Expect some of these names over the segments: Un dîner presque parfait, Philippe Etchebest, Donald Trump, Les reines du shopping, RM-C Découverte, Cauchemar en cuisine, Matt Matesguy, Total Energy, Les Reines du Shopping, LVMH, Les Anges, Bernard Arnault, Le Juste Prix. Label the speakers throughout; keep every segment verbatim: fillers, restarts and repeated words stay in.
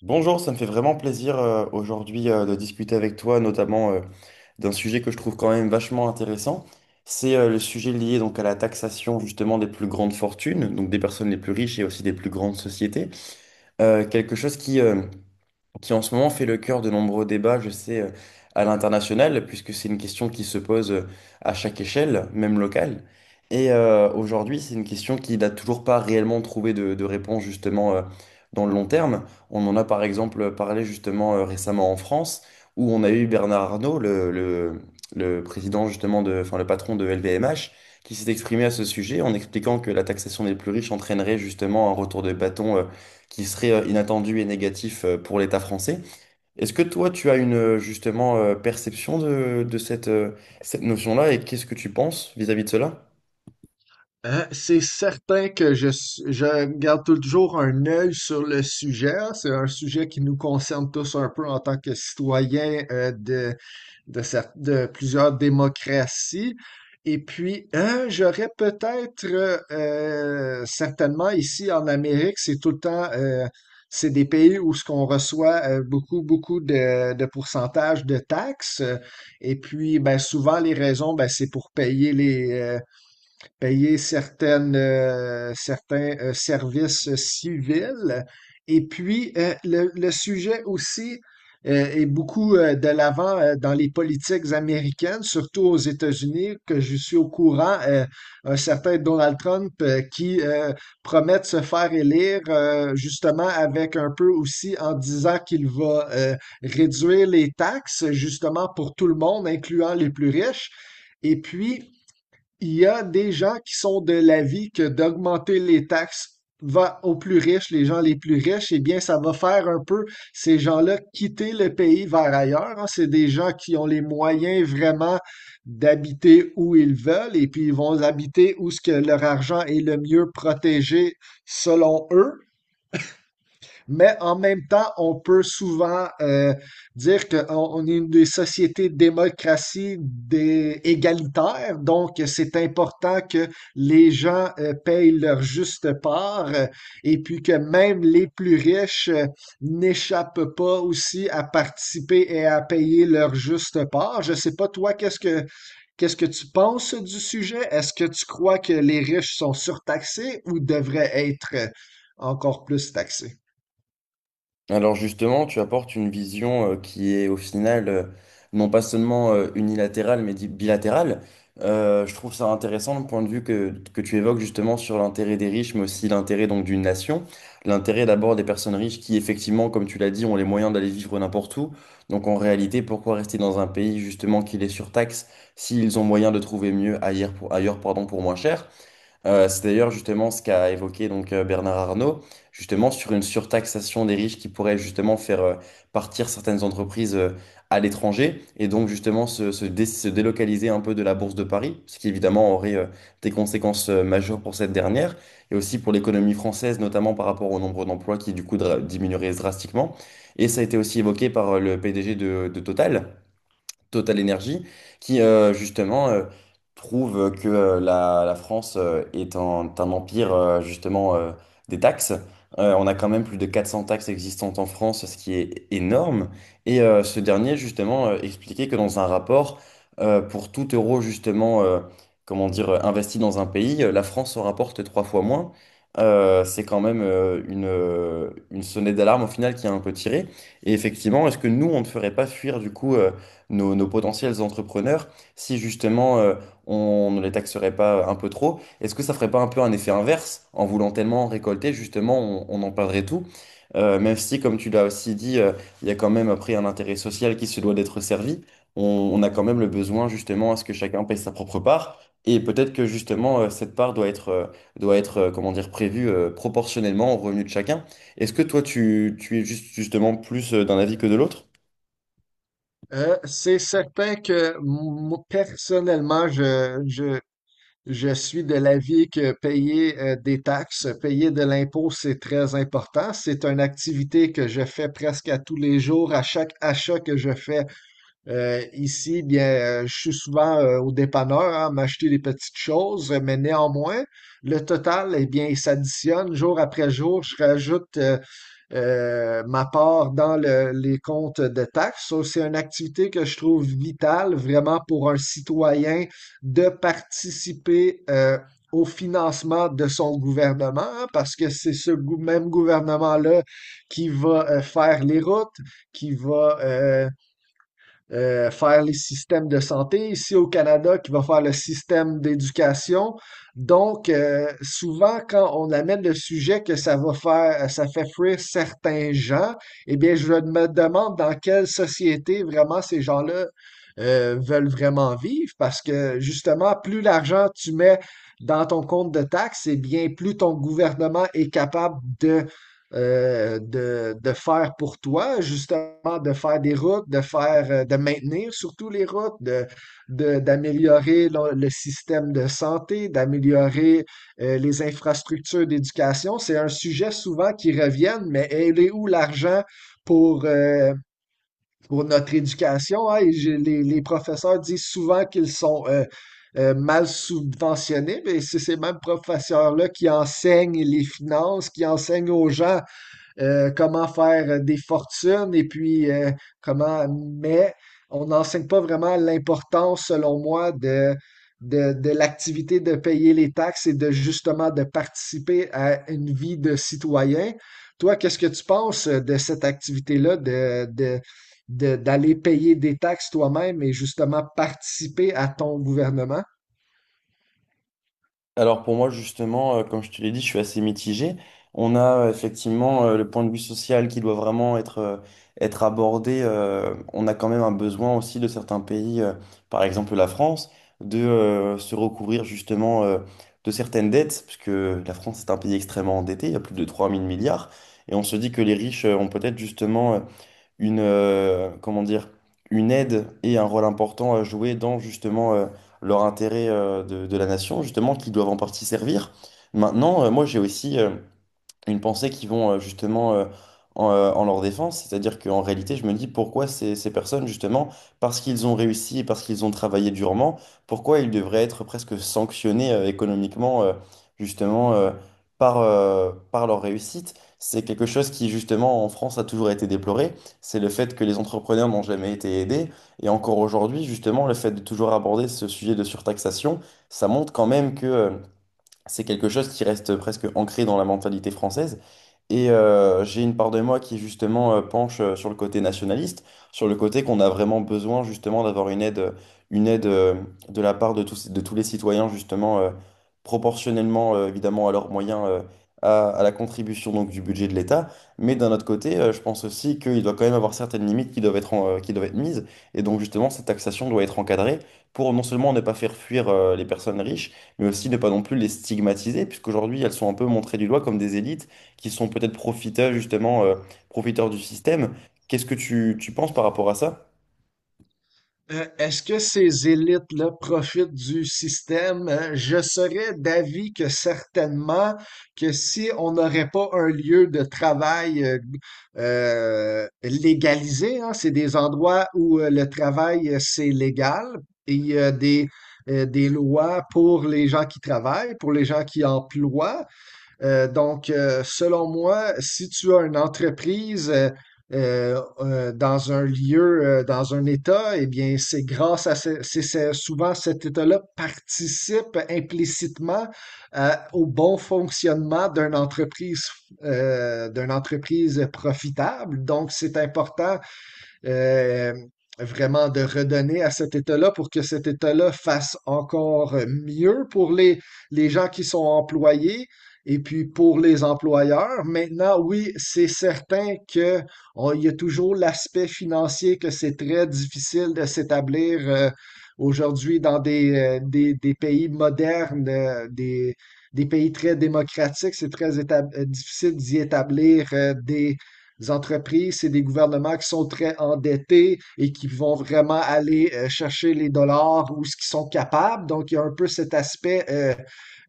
Speaker 1: Bonjour, ça me fait vraiment plaisir euh, aujourd'hui, euh, de discuter avec toi, notamment euh, d'un sujet que je trouve quand même vachement intéressant. C'est euh, le sujet lié donc à la taxation justement des plus grandes fortunes, donc des personnes les plus riches et aussi des plus grandes sociétés. Euh, quelque chose qui, euh, qui en ce moment fait le cœur de nombreux débats, je sais, euh, à l'international, puisque c'est une question qui se pose euh, à chaque échelle, même locale. Et euh, aujourd'hui, c'est une question qui n'a toujours pas réellement trouvé de, de réponse justement euh, dans le long terme. On en a par exemple parlé justement euh, récemment en France, où on a eu Bernard Arnault, le, le- le président justement de, enfin le patron de L V M H, qui s'est exprimé à ce sujet en expliquant que la taxation des plus riches entraînerait justement un retour de bâton euh, qui serait euh, inattendu et négatif euh, pour l'État français. Est-ce que toi, tu as une euh, justement euh, perception de, de cette, euh, cette notion-là et qu'est-ce que tu penses vis-à-vis de cela?
Speaker 2: Euh, c'est certain que je, s- je garde toujours un œil sur le sujet. C'est un sujet qui nous concerne tous un peu en tant que citoyens euh, de, de, cer- de plusieurs démocraties. Et puis, euh, j'aurais peut-être euh, euh, certainement ici en Amérique, c'est tout le temps, euh, c'est des pays où ce qu'on reçoit euh, beaucoup, beaucoup de, de pourcentages de taxes. Et puis, ben, souvent, les raisons, ben, c'est pour payer les, euh, payer certaines, euh, certains euh, services civils. Et puis, euh, le, le sujet aussi euh, est beaucoup euh, de l'avant euh, dans les politiques américaines, surtout aux États-Unis, que je suis au courant, euh, un certain Donald Trump euh, qui euh, promet de se faire élire, euh, justement avec un peu aussi en disant qu'il va euh, réduire les taxes, justement pour tout le monde, incluant les plus riches. Et puis, il y a des gens qui sont de l'avis que d'augmenter les taxes va aux plus riches, les gens les plus riches, eh bien, ça va faire un peu ces gens-là quitter le pays vers ailleurs, hein. C'est des gens qui ont les moyens vraiment d'habiter où ils veulent et puis ils vont habiter où ce que leur argent est le mieux protégé selon eux, mais en même temps, on peut souvent euh, dire qu'on on est une des sociétés démocratie des égalitaire, donc c'est important que les gens euh, payent leur juste part euh, et puis que même les plus riches euh, n'échappent pas aussi à participer et à payer leur juste part. Je sais pas, toi, qu'est-ce que qu'est-ce que tu penses du sujet? Est-ce que tu crois que les riches sont surtaxés ou devraient être euh, encore plus taxés?
Speaker 1: Alors justement, tu apportes une vision euh, qui est au final euh, non pas seulement euh, unilatérale mais di- bilatérale. Euh, je trouve ça intéressant le point de vue que, que tu évoques justement sur l'intérêt des riches mais aussi l'intérêt donc d'une nation. L'intérêt d'abord des personnes riches qui effectivement, comme tu l'as dit, ont les moyens d'aller vivre n'importe où. Donc en réalité, pourquoi rester dans un pays justement qui les surtaxe s'ils ont moyen de trouver mieux ailleurs pour, ailleurs, pardon, pour moins cher? Euh, c'est d'ailleurs justement ce qu'a évoqué donc euh, Bernard Arnault, justement sur une surtaxation des riches qui pourrait justement faire euh, partir certaines entreprises euh, à l'étranger et donc justement se, se dé- se délocaliser un peu de la Bourse de Paris, ce qui évidemment aurait euh, des conséquences euh, majeures pour cette dernière et aussi pour l'économie française, notamment par rapport au nombre d'emplois qui du coup dra- diminuerait drastiquement. Et ça a été aussi évoqué par euh, le P D G de, de Total Total Energy, qui euh, justement euh, trouve que euh, la, la France euh, est un, un empire euh, justement euh, des taxes. Euh, on a quand même plus de quatre cents taxes existantes en France, ce qui est énorme. Et euh, ce dernier justement euh, expliquait que dans un rapport, euh, pour tout euro justement, euh, comment dire, euh, investi dans un pays, euh, la France en rapporte trois fois moins. Euh, c'est quand même euh, une, euh, une sonnette d'alarme au final qui a un peu tiré. Et effectivement, est-ce que nous, on ne ferait pas fuir du coup... euh, nos, nos potentiels entrepreneurs si justement euh, on ne les taxerait pas un peu trop? Est-ce que ça ferait pas un peu un effet inverse? En voulant tellement en récolter, justement, on, on en perdrait tout. Euh, même si, comme tu l'as aussi dit, euh, il y a quand même après un intérêt social qui se doit d'être servi. On, on a quand même le besoin justement à ce que chacun paye sa propre part. Et peut-être que justement, euh, cette part doit être, euh, doit être euh, comment dire, prévue euh, proportionnellement au revenu de chacun. Est-ce que toi, tu, tu es juste, justement plus euh, d'un avis que de l'autre?
Speaker 2: Euh, c'est certain que moi, personnellement, je, je, je suis de l'avis que payer euh, des taxes, payer de l'impôt, c'est très important. C'est une activité que je fais presque à tous les jours, à chaque achat que je fais. Euh, ici, eh bien, euh, je suis souvent euh, au dépanneur, hein, m'acheter des petites choses, euh, mais néanmoins, le total, eh bien, il s'additionne jour après jour. Je rajoute euh, euh, ma part dans le- les comptes de taxes. Ça, c'est une activité que je trouve vitale vraiment pour un citoyen de participer euh, au financement de son gouvernement, hein, parce que c'est ce gou- même gouvernement-là qui va euh, faire les routes, qui va euh, euh, faire les systèmes de santé. Ici au Canada, qui va faire le système d'éducation. Donc, euh, souvent, quand on amène le sujet que ça va faire, ça fait fuir certains gens, eh bien, je me demande dans quelle société vraiment ces gens-là euh, veulent vraiment vivre parce que justement, plus l'argent tu mets dans ton compte de taxes, eh bien, plus ton gouvernement est capable de euh, de, de faire pour toi, justement, de faire des routes, de faire, euh, de maintenir surtout les routes, de, de- d'améliorer le, le système de santé, d'améliorer euh, les infrastructures d'éducation. C'est un sujet souvent qui revient, mais elle est où l'argent pour, euh, pour notre éducation, hein? Et j'ai- les, les professeurs disent souvent qu'ils sont euh, euh, mal subventionnés, mais c'est ces mêmes professeurs-là qui enseignent les finances, qui enseignent aux gens euh, comment faire euh, des fortunes et puis euh, comment. Mais on n'enseigne pas vraiment l'importance, selon moi, de, de, de l'activité de payer les taxes et de justement de participer à une vie de citoyen. Toi, qu'est-ce que tu penses de cette activité-là de, de, de- d'aller payer des taxes toi-même et justement participer à ton gouvernement?
Speaker 1: Alors pour moi justement, euh, comme je te l'ai dit, je suis assez mitigé. On a euh, effectivement euh, le point de vue social qui doit vraiment être, euh, être abordé. Euh, on a quand même un besoin aussi de certains pays, euh, par exemple la France, de euh, se recouvrir justement euh, de certaines dettes, puisque la France est un pays extrêmement endetté, il y a plus de trois mille milliards, et on se dit que les riches euh, ont peut-être justement euh, une, euh, comment dire, une aide et un rôle important à jouer dans justement euh, leur intérêt euh, de, de la nation, justement, qu'ils doivent en partie servir. Maintenant, euh, moi j'ai aussi euh, une pensée qui vont euh, justement euh, en, euh, en leur défense. C'est-à-dire qu'en réalité, je me dis pourquoi ces, ces personnes, justement, parce qu'ils ont réussi et parce qu'ils ont travaillé durement, pourquoi ils devraient être presque sanctionnés euh, économiquement, euh, justement, euh, par, euh, par leur réussite. C'est quelque chose qui, justement, en France a toujours été déploré. C'est le fait que les entrepreneurs n'ont jamais été aidés. Et encore aujourd'hui, justement, le fait de toujours aborder ce sujet de surtaxation, ça montre quand même que euh, c'est quelque chose qui reste presque ancré dans la mentalité française. Et euh, j'ai une part de moi qui justement euh, penche euh, sur le côté nationaliste, sur le côté qu'on a vraiment besoin justement d'avoir une aide, euh, une aide euh, de la part de tous, de tous les citoyens justement euh, proportionnellement euh, évidemment à leurs moyens, euh, à, à la contribution donc du budget de l'État. Mais d'un autre côté, euh, je pense aussi qu'il doit quand même avoir certaines limites qui doivent être, en- euh, qui doivent être mises. Et donc justement, cette taxation doit être encadrée pour non seulement ne pas faire fuir euh, les personnes riches, mais aussi ne pas non plus les stigmatiser, puisqu'aujourd'hui elles sont un peu montrées du doigt comme des élites qui sont peut-être profiteurs justement, euh, profiteurs du système. Qu'est-ce que tu, tu penses par rapport à ça?
Speaker 2: Euh, est-ce que ces élites-là profitent du système? Euh, je serais d'avis que certainement que si on n'aurait pas un lieu de travail euh, euh, légalisé, hein, c'est des endroits où euh, le travail, euh, c'est légal et il y a des, euh, des lois pour les gens qui travaillent, pour les gens qui emploient. Euh, donc, euh, selon moi, si tu as une entreprise euh, euh, euh, dans un lieu, euh, dans un État, eh bien, c'est grâce à ce- c'est c'est- souvent cet État-là participe implicitement à- au bon fonctionnement d'une entreprise, euh, d'une entreprise profitable. Donc, c'est important euh, vraiment de redonner à cet État-là pour que cet État-là fasse encore mieux pour les, les gens qui sont employés et puis pour les employeurs. Maintenant, oui, c'est certain que on- il y a toujours l'aspect financier que c'est très difficile de s'établir euh, aujourd'hui dans des, euh, des, des pays modernes, euh, des, des pays très démocratiques. C'est très étab- euh, difficile d'y établir euh, des les entreprises, c'est des gouvernements qui sont très endettés et qui vont vraiment aller euh, chercher les dollars ou ce qu'ils sont capables. Donc, il y a un peu cet aspect euh,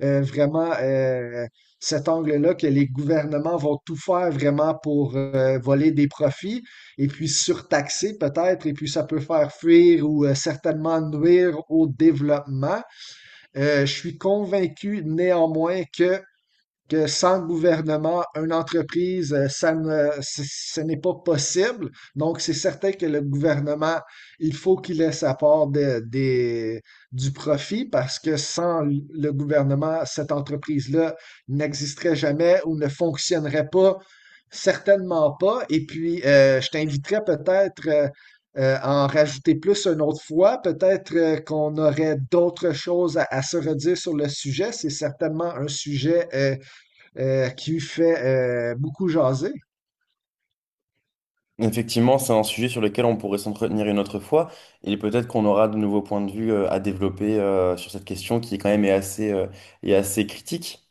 Speaker 2: euh, vraiment, euh, cet angle-là que les gouvernements vont tout faire vraiment pour euh, voler des profits et puis surtaxer peut-être, et puis ça peut faire fuir ou euh, certainement nuire au développement. Euh, je suis convaincu néanmoins que que sans le gouvernement, une entreprise, euh, ça ne, c- ce n'est pas possible. Donc, c'est certain que le gouvernement, il faut qu'il ait sa part de- des- du profit parce que sans l- le gouvernement, cette entreprise-là n'existerait jamais ou ne fonctionnerait pas, certainement pas. Et puis, euh, je t'inviterais peut-être euh, euh, à en rajouter plus une autre fois. Peut-être euh, qu'on aurait d'autres choses à, à se redire sur le sujet. C'est certainement un sujet euh, euh, qui fait euh, beaucoup jaser.
Speaker 1: Effectivement, c'est un sujet sur lequel on pourrait s'entretenir une autre fois et peut-être qu'on aura de nouveaux points de vue euh, à développer euh, sur cette question qui quand même est assez, euh, est assez critique.